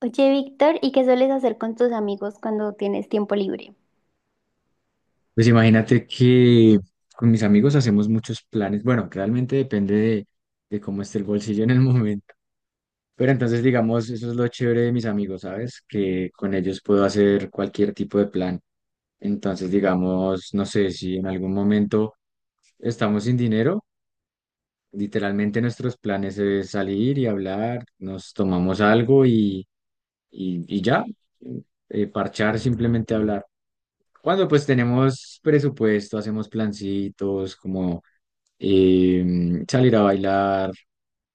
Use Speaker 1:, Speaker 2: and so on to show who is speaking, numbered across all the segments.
Speaker 1: Oye, Víctor, ¿y qué sueles hacer con tus amigos cuando tienes tiempo libre?
Speaker 2: Pues imagínate que con mis amigos hacemos muchos planes. Bueno, realmente depende de cómo esté el bolsillo en el momento. Pero entonces, digamos, eso es lo chévere de mis amigos, ¿sabes? Que con ellos puedo hacer cualquier tipo de plan. Entonces, digamos, no sé si en algún momento estamos sin dinero. Literalmente nuestros planes es salir y hablar, nos tomamos algo y ya, parchar, simplemente hablar. Cuando pues tenemos presupuesto, hacemos plancitos como salir a bailar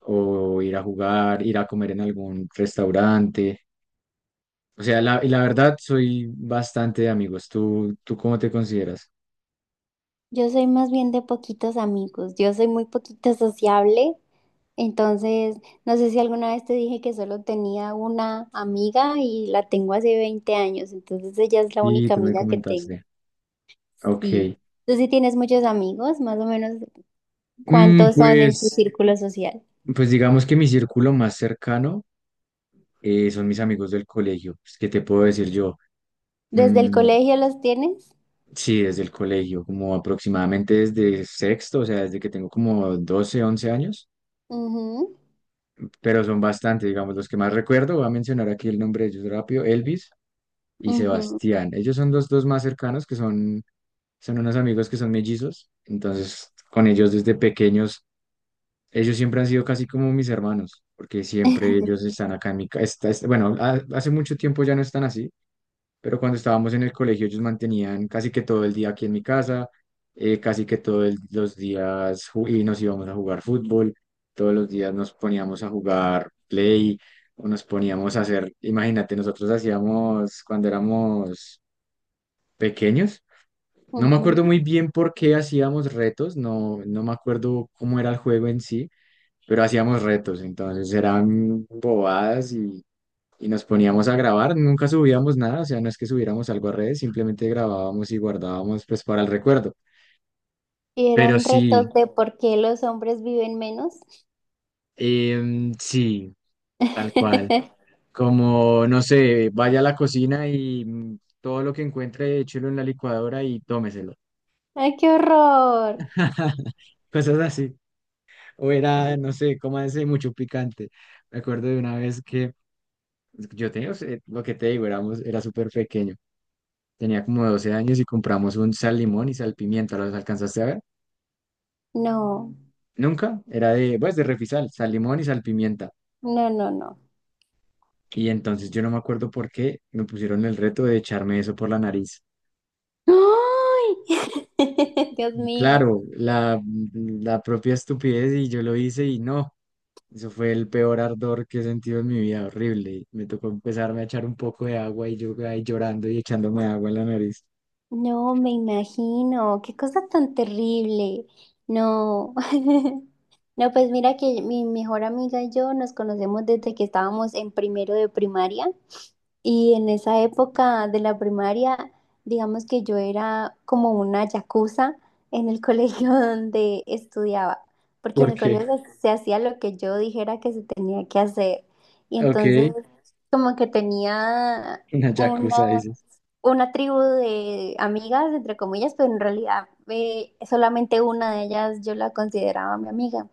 Speaker 2: o ir a jugar, ir a comer en algún restaurante. O sea, y la verdad soy bastante de amigos. ¿Tú cómo te consideras?
Speaker 1: Yo soy más bien de poquitos amigos, yo soy muy poquito sociable, entonces no sé si alguna vez te dije que solo tenía una amiga y la tengo hace 20 años, entonces ella es la
Speaker 2: Y
Speaker 1: única
Speaker 2: tú me
Speaker 1: amiga que tengo.
Speaker 2: comentaste. Ok.
Speaker 1: Sí. ¿Tú sí tienes muchos amigos? Más o menos,
Speaker 2: Mm,
Speaker 1: ¿cuántos son en tu
Speaker 2: pues...
Speaker 1: círculo social?
Speaker 2: Pues digamos que mi círculo más cercano son mis amigos del colegio. Pues, ¿qué te puedo decir yo?
Speaker 1: ¿Desde el
Speaker 2: Mm,
Speaker 1: colegio los tienes?
Speaker 2: sí, desde el colegio, como aproximadamente desde sexto, o sea, desde que tengo como 12 11 años,
Speaker 1: Ujú,
Speaker 2: pero son bastante digamos, los que más recuerdo. Voy a mencionar aquí el nombre de ellos rápido, Elvis y
Speaker 1: ujú,
Speaker 2: Sebastián. Ellos son los dos más cercanos, que son unos amigos que son mellizos. Entonces, con ellos desde pequeños. Ellos siempre han sido casi como mis hermanos, porque siempre ellos están acá en mi casa. Bueno, hace mucho tiempo ya no están así, pero cuando estábamos en el colegio ellos mantenían casi que todo el día aquí en mi casa, casi que todos los días y nos íbamos a jugar fútbol, todos los días nos poníamos a jugar play o nos poníamos a hacer, imagínate, nosotros hacíamos cuando éramos pequeños. No me
Speaker 1: ujú.
Speaker 2: acuerdo muy bien por qué hacíamos retos, no, no me acuerdo cómo era el juego en sí, pero hacíamos retos, entonces eran bobadas y nos poníamos a grabar, nunca subíamos nada, o sea, no es que subiéramos algo a redes, simplemente grabábamos y guardábamos pues para el recuerdo.
Speaker 1: Y
Speaker 2: Pero
Speaker 1: eran
Speaker 2: sí,
Speaker 1: retos de por qué los hombres viven menos.
Speaker 2: sí, tal cual. Como, no sé, vaya a la cocina y todo lo que encuentre, échelo en la licuadora y tómeselo.
Speaker 1: ¡Ay, qué horror!
Speaker 2: Cosas así. O era, no sé, ese mucho picante. Me acuerdo de una vez que yo tenía, o sea, lo que te digo, era súper pequeño. Tenía como 12 años y compramos un sal limón y sal pimienta. ¿Los alcanzaste a ver?
Speaker 1: No,
Speaker 2: Nunca. Era de, pues, de Refisal, sal limón y sal pimienta.
Speaker 1: no.
Speaker 2: Y entonces yo no me acuerdo por qué me pusieron el reto de echarme eso por la nariz.
Speaker 1: ¡Ay! Dios
Speaker 2: Y
Speaker 1: mío.
Speaker 2: claro, la propia estupidez y yo lo hice y no. Eso fue el peor ardor que he sentido en mi vida, horrible. Me tocó empezarme a echar un poco de agua y yo ahí llorando y echándome agua en la nariz.
Speaker 1: No, me imagino. Qué cosa tan terrible. No. No, pues mira que mi mejor amiga y yo nos conocemos desde que estábamos en primero de primaria. Y en esa época de la primaria, digamos que yo era como una yakuza en el colegio donde estudiaba, porque en
Speaker 2: ¿Por
Speaker 1: el
Speaker 2: qué?
Speaker 1: colegio se hacía lo que yo dijera que se tenía que hacer. Y
Speaker 2: Ok,
Speaker 1: entonces como que tenía
Speaker 2: una yakuza,
Speaker 1: una,
Speaker 2: dices.
Speaker 1: una tribu de amigas, entre comillas, pero en realidad solamente una de ellas yo la consideraba mi amiga.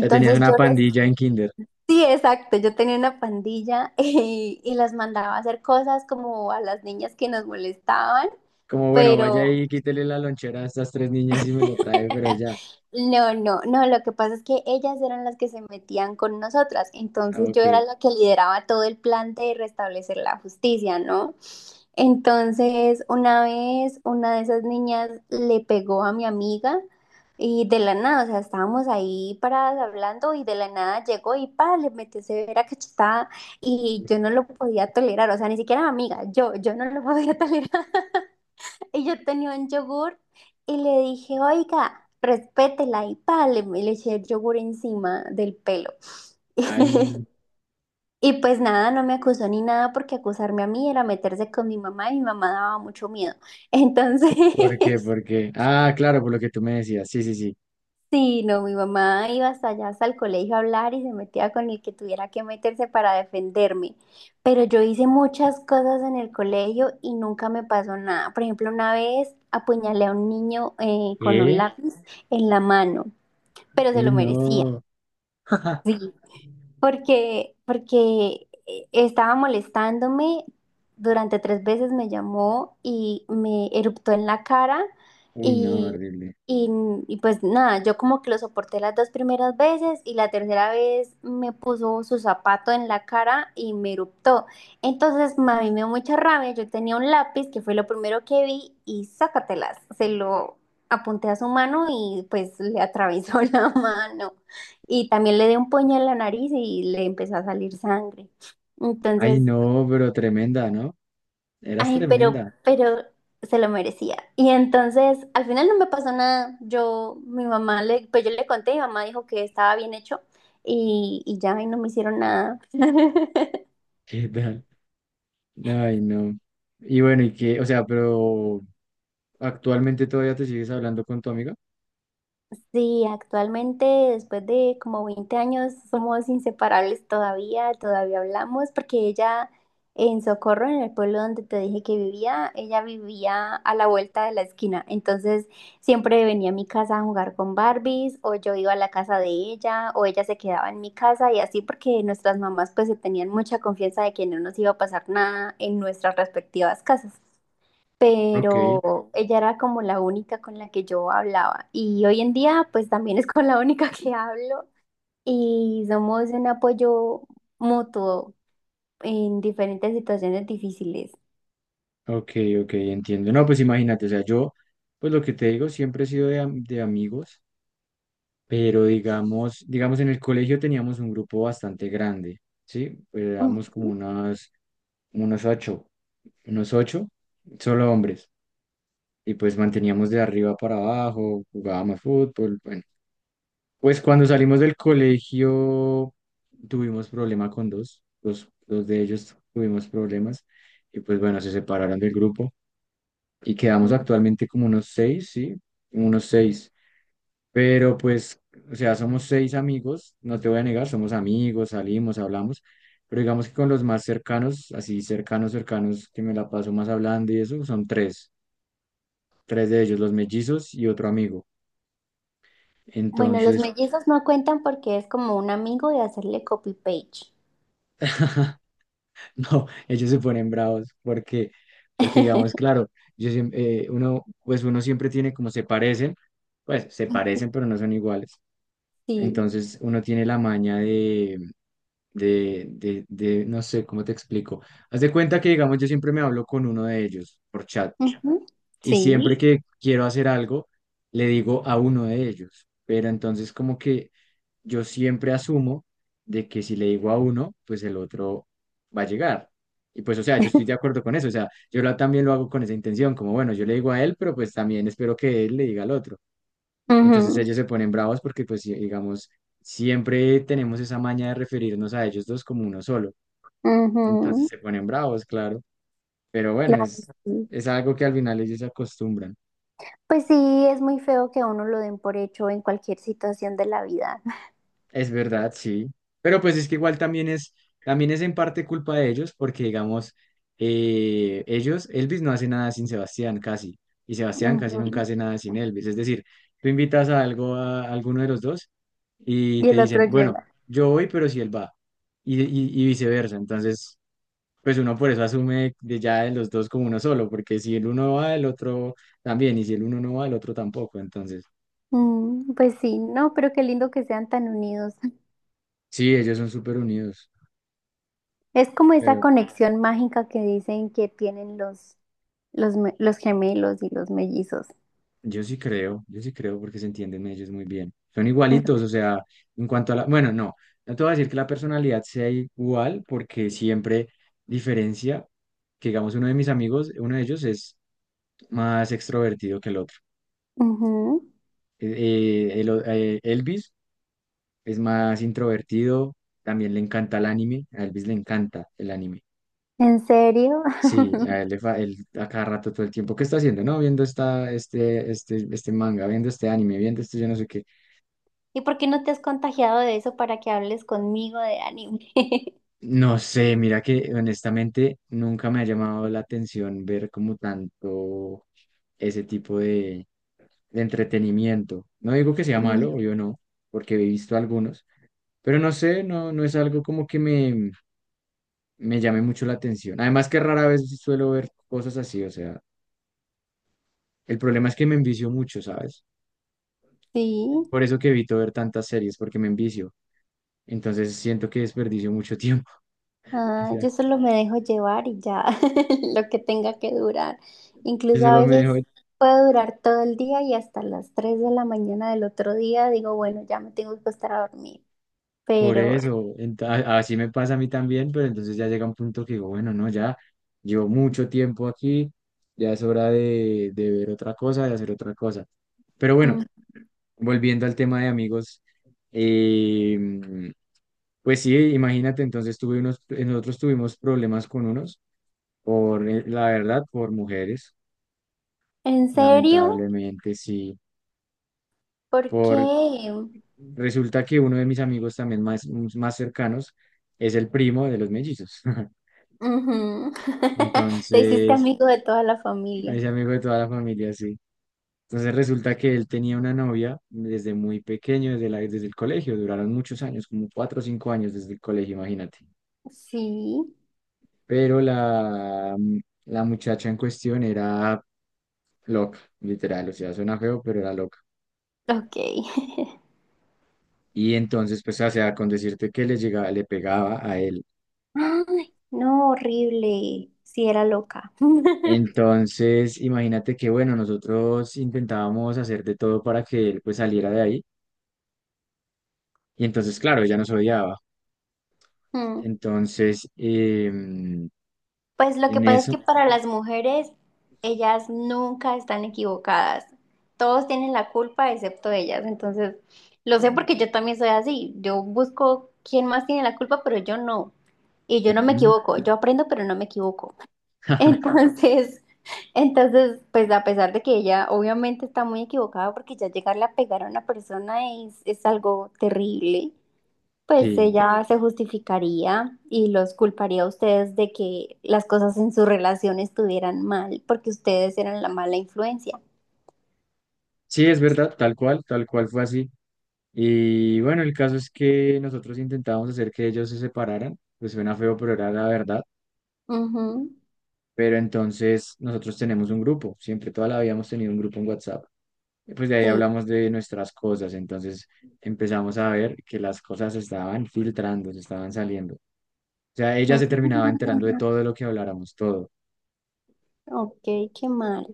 Speaker 2: Ya tenías
Speaker 1: yo
Speaker 2: una
Speaker 1: les...
Speaker 2: pandilla en kinder.
Speaker 1: Sí, exacto. Yo tenía una pandilla y las mandaba a hacer cosas como a las niñas que nos molestaban,
Speaker 2: Como bueno, vaya
Speaker 1: pero
Speaker 2: y quítele la lonchera a estas tres niñas y me lo trae, pero ya.
Speaker 1: No. Lo que pasa es que ellas eran las que se metían con nosotras.
Speaker 2: Ah,
Speaker 1: Entonces yo era
Speaker 2: ok.
Speaker 1: la que lideraba todo el plan de restablecer la justicia, ¿no? Entonces, una vez una de esas niñas le pegó a mi amiga y de la nada, o sea, estábamos ahí paradas hablando y de la nada llegó y pa, le metió severa cachetada y yo no lo podía tolerar, o sea, ni siquiera mi amiga, yo no lo podía tolerar. Y yo tenía un yogur y le dije, oiga, respétela y pa, le eché el yogur encima del pelo.
Speaker 2: Ay,
Speaker 1: Y pues nada, no me acusó ni nada porque acusarme a mí era meterse con mi mamá y mi mamá daba mucho miedo.
Speaker 2: ¿por qué?
Speaker 1: Entonces,
Speaker 2: ¿Por qué? Ah, claro, por lo que tú me decías. Sí, sí, sí.
Speaker 1: sí, no, mi mamá iba hasta allá, hasta el colegio a hablar y se metía con el que tuviera que meterse para defenderme. Pero yo hice muchas cosas en el colegio y nunca me pasó nada. Por ejemplo, una vez apuñalé a un niño con un
Speaker 2: eh
Speaker 1: lápiz en la mano, pero se
Speaker 2: Uy,
Speaker 1: lo merecía.
Speaker 2: no.
Speaker 1: ¿Sí? Porque estaba molestándome, durante 3 veces me llamó y me eruptó en la cara
Speaker 2: Uy, no,
Speaker 1: y,
Speaker 2: horrible.
Speaker 1: y, y pues nada, yo como que lo soporté las dos primeras veces y la tercera vez me puso su zapato en la cara y me eruptó. Entonces ma, a mí me dio mucha rabia, yo tenía un lápiz que fue lo primero que vi y sácatelas, se lo apunté a su mano y pues le atravesó la mano y también le dio un puño en la nariz y le empezó a salir sangre.
Speaker 2: Ay,
Speaker 1: Entonces,
Speaker 2: no, pero tremenda, ¿no? Eras
Speaker 1: ay, pero,
Speaker 2: tremenda.
Speaker 1: pero se lo merecía. Y entonces, al final no me pasó nada. Yo, mi mamá, le, Pues yo le conté, mi mamá dijo que estaba bien hecho y y no me hicieron nada.
Speaker 2: ¿Qué tal? Ay, no. Y bueno, ¿y qué? O sea, pero actualmente todavía te sigues hablando con tu amiga.
Speaker 1: Sí, actualmente, después de como 20 años, somos inseparables todavía, todavía hablamos, porque ella en Socorro, en el pueblo donde te dije que vivía, ella vivía a la vuelta de la esquina. Entonces, siempre venía a mi casa a jugar con Barbies, o yo iba a la casa de ella, o ella se quedaba en mi casa, y así porque nuestras mamás pues se tenían mucha confianza de que no nos iba a pasar nada en nuestras respectivas casas,
Speaker 2: Ok,
Speaker 1: pero ella era como la única con la que yo hablaba y hoy en día pues también es con la única que hablo y somos un apoyo mutuo en diferentes situaciones difíciles.
Speaker 2: ok, ok, entiendo. No, pues imagínate, o sea, yo, pues lo que te digo, siempre he sido de, de amigos. Pero digamos en el colegio teníamos un grupo bastante grande, ¿sí? Éramos como
Speaker 1: Ujú.
Speaker 2: unos ocho, unos ocho, solo hombres, y pues manteníamos de arriba para abajo, jugábamos fútbol, bueno. Pues cuando salimos del colegio tuvimos problema con dos de ellos tuvimos problemas, y pues bueno, se separaron del grupo, y quedamos actualmente como unos seis, ¿sí? Unos seis. Pero pues, o sea, somos seis amigos, no te voy a negar, somos amigos, salimos, hablamos, pero digamos que con los más cercanos, así cercanos, cercanos, que me la paso más hablando y eso, son tres de ellos, los mellizos y otro amigo.
Speaker 1: Bueno, los
Speaker 2: Entonces,
Speaker 1: mellizos no cuentan porque es como un amigo de hacerle copy page.
Speaker 2: no, ellos se ponen bravos porque digamos, claro, uno, pues uno siempre tiene como se parecen, pues se parecen, pero no son iguales.
Speaker 1: Sí.
Speaker 2: Entonces uno tiene la maña de, no sé cómo te explico. Haz de cuenta que, digamos, yo siempre me hablo con uno de ellos por chat
Speaker 1: Ujú.
Speaker 2: y siempre
Speaker 1: Sí.
Speaker 2: que quiero hacer algo, le digo a uno de ellos, pero entonces como que yo siempre asumo de que si le digo a uno, pues el otro va a llegar. Y pues, o sea, yo estoy de acuerdo con eso, o sea, yo también lo hago con esa intención, como bueno, yo le digo a él, pero pues también espero que él le diga al otro. Entonces
Speaker 1: Ujú.
Speaker 2: ellos se ponen bravos porque pues, digamos, siempre tenemos esa maña de referirnos a ellos dos como uno solo, entonces
Speaker 1: Ujú.
Speaker 2: se ponen bravos, claro. Pero bueno,
Speaker 1: Claro,
Speaker 2: es,
Speaker 1: sí.
Speaker 2: es algo que al final ellos se acostumbran.
Speaker 1: Pues sí, es muy feo que a uno lo den por hecho en cualquier situación de la vida.
Speaker 2: Es verdad, sí. Pero pues es que igual también es en parte culpa de ellos, porque digamos, Elvis no hace nada sin Sebastián casi, y Sebastián casi nunca hace nada sin Elvis. Es decir, tú invitas a algo alguno de los dos y
Speaker 1: Y
Speaker 2: te
Speaker 1: el otro
Speaker 2: dicen, bueno,
Speaker 1: llega.
Speaker 2: yo voy, pero si él va, y viceversa. Entonces, pues uno por eso asume de ya de los dos como uno solo, porque si el uno va, el otro también, y si el uno no va, el otro tampoco. Entonces,
Speaker 1: Mm, pues sí, no, pero qué lindo que sean tan unidos.
Speaker 2: sí, ellos son súper unidos,
Speaker 1: Es como esa
Speaker 2: pero
Speaker 1: conexión mágica que dicen que tienen los gemelos y los mellizos.
Speaker 2: yo sí creo porque se entienden ellos muy bien. Son igualitos,
Speaker 1: Mm,
Speaker 2: o sea, en cuanto a la, bueno, no, no te voy a decir que la personalidad sea igual, porque siempre diferencia, que digamos, uno de mis amigos, uno de ellos es más extrovertido que el otro.
Speaker 1: ujú.
Speaker 2: Elvis es más introvertido, también le encanta el anime, a Elvis le encanta el anime.
Speaker 1: ¿En serio?
Speaker 2: Sí, a él, él a cada rato todo el tiempo, ¿qué está haciendo? No, viendo este manga, viendo este anime, viendo esto, yo no sé qué.
Speaker 1: ¿Y por qué no te has contagiado de eso para que hables conmigo de anime?
Speaker 2: No sé, mira que honestamente nunca me ha llamado la atención ver como tanto ese tipo de entretenimiento. No digo que sea
Speaker 1: Mm.
Speaker 2: malo, yo no, porque he visto algunos, pero no sé, no, no es algo como que me llame mucho la atención. Además que rara vez suelo ver cosas así, o sea, el problema es que me envicio mucho, ¿sabes?
Speaker 1: Sí.
Speaker 2: Por eso que evito ver tantas series, porque me envicio. Entonces siento que desperdicio mucho tiempo. O
Speaker 1: Ah,
Speaker 2: sea,
Speaker 1: yo solo me dejo llevar y ya lo que tenga que durar.
Speaker 2: yo
Speaker 1: Incluso a
Speaker 2: solo me
Speaker 1: veces
Speaker 2: dejo
Speaker 1: puedo durar todo el día y hasta las 3 de la mañana del otro día digo, bueno, ya me tengo que acostar a dormir.
Speaker 2: por
Speaker 1: Pero,
Speaker 2: eso. Así me pasa a mí también, pero entonces ya llega un punto que digo, bueno, no, ya llevo mucho tiempo aquí, ya es hora de ver otra cosa, de hacer otra cosa. Pero
Speaker 1: mm,
Speaker 2: bueno, volviendo al tema de amigos, em, pues sí, imagínate, entonces tuve unos, nosotros tuvimos problemas con unos, por la verdad, por mujeres,
Speaker 1: ¿en serio?
Speaker 2: lamentablemente sí,
Speaker 1: ¿Por
Speaker 2: por,
Speaker 1: qué?
Speaker 2: resulta que uno de mis amigos también más cercanos es el primo de los mellizos,
Speaker 1: Ujú. Te hiciste
Speaker 2: entonces
Speaker 1: amigo de toda la familia.
Speaker 2: es amigo de toda la familia, sí. Entonces resulta que él tenía una novia desde muy pequeño, desde la, desde el colegio, duraron muchos años, como 4 o 5 años desde el colegio, imagínate.
Speaker 1: Sí,
Speaker 2: Pero la muchacha en cuestión era loca, literal, o sea, suena feo, pero era loca.
Speaker 1: ok.
Speaker 2: Y entonces, pues, o sea, con decirte que le llegaba, le pegaba a él.
Speaker 1: Ay, no, horrible. Sí, era loca.
Speaker 2: Entonces, imagínate que, bueno, nosotros intentábamos hacer de todo para que él, pues, saliera de ahí. Y entonces, claro, ella nos odiaba.
Speaker 1: Mm.
Speaker 2: Entonces,
Speaker 1: Pues lo que
Speaker 2: en
Speaker 1: pasa es que
Speaker 2: eso,
Speaker 1: para las mujeres, ellas nunca están equivocadas. Todos tienen la culpa excepto ellas. Entonces, lo sé porque yo también soy así. Yo busco quién más tiene la culpa, pero yo no. Y yo no me
Speaker 2: ujú.
Speaker 1: equivoco. Yo aprendo, pero no me equivoco. Entonces, entonces, pues a pesar de que ella obviamente está muy equivocada porque ya llegarle a pegar a una persona es algo terrible. Pues
Speaker 2: Sí,
Speaker 1: ella se justificaría y los culparía a ustedes de que las cosas en su relación estuvieran mal, porque ustedes eran la mala influencia.
Speaker 2: sí, es verdad, tal cual fue así. Y bueno, el caso es que nosotros intentábamos hacer que ellos se separaran, pues suena feo, pero era la verdad.
Speaker 1: Ujú,
Speaker 2: Pero entonces nosotros tenemos un grupo, siempre toda la vida hemos tenido un grupo en WhatsApp. Y pues de ahí
Speaker 1: sí.
Speaker 2: hablamos de nuestras cosas, entonces empezamos a ver que las cosas se estaban filtrando, se estaban saliendo. O sea, ella se terminaba enterando de
Speaker 1: Mm,
Speaker 2: todo lo que habláramos, todo.
Speaker 1: ok, qué mal.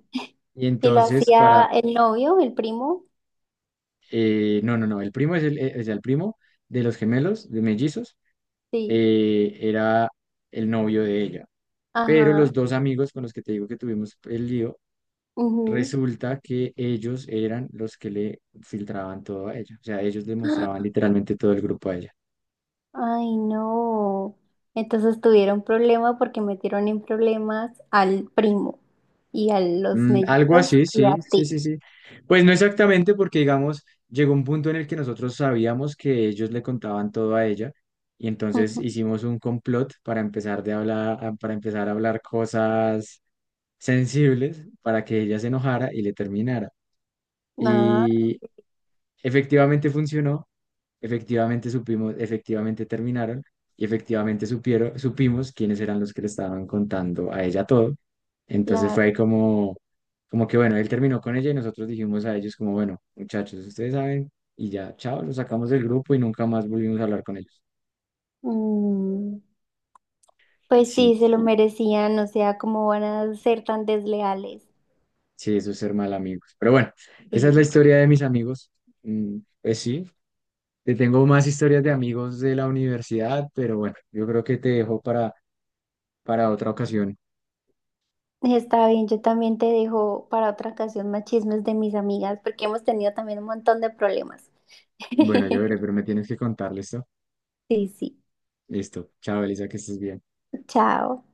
Speaker 2: Y
Speaker 1: ¿Y lo
Speaker 2: entonces
Speaker 1: hacía el novio, el primo?
Speaker 2: no, no, no, el primo es o sea, el primo de los gemelos, de mellizos,
Speaker 1: Sí.
Speaker 2: era el novio de ella. Pero
Speaker 1: Ajá.
Speaker 2: los dos amigos con los que te digo que tuvimos el lío,
Speaker 1: Ujú.
Speaker 2: resulta que ellos eran los que le filtraban todo a ella. O sea, ellos le mostraban literalmente todo el grupo a ella.
Speaker 1: Ay, no. Entonces tuvieron problema porque metieron en problemas al primo y a los
Speaker 2: Mm, algo
Speaker 1: mellizos
Speaker 2: así,
Speaker 1: y
Speaker 2: sí,
Speaker 1: a ti.
Speaker 2: sí, sí, sí. Pues no exactamente porque, digamos, llegó un punto en el que nosotros sabíamos que ellos le contaban todo a ella y entonces
Speaker 1: Ujú.
Speaker 2: hicimos un complot para empezar de hablar, para empezar a hablar cosas sensibles para que ella se enojara y le terminara.
Speaker 1: Ah,
Speaker 2: Efectivamente funcionó, efectivamente supimos, efectivamente terminaron y efectivamente supimos quiénes eran los que le estaban contando a ella todo. Entonces
Speaker 1: claro.
Speaker 2: fue ahí como, como que bueno, él terminó con ella y nosotros dijimos a ellos como, bueno, muchachos, ustedes saben y ya, chao, los sacamos del grupo y nunca más volvimos a hablar con ellos.
Speaker 1: Mm, pues
Speaker 2: Sí,
Speaker 1: sí, se lo merecían, o sea, ¿cómo van a ser tan desleales?
Speaker 2: sí, eso es ser mal amigos. Pero bueno, esa es la
Speaker 1: Sí,
Speaker 2: historia de mis amigos. Pues sí, te tengo más historias de amigos de la universidad, pero bueno, yo creo que te dejo para otra ocasión.
Speaker 1: está bien, yo también te dejo para otra ocasión más chismes de mis amigas, porque hemos tenido también un montón de problemas.
Speaker 2: Bueno, yo veré, pero me tienes que contar, ¿listo?
Speaker 1: Sí, sí,
Speaker 2: Listo. Chao, Elisa, que estés bien.
Speaker 1: chao.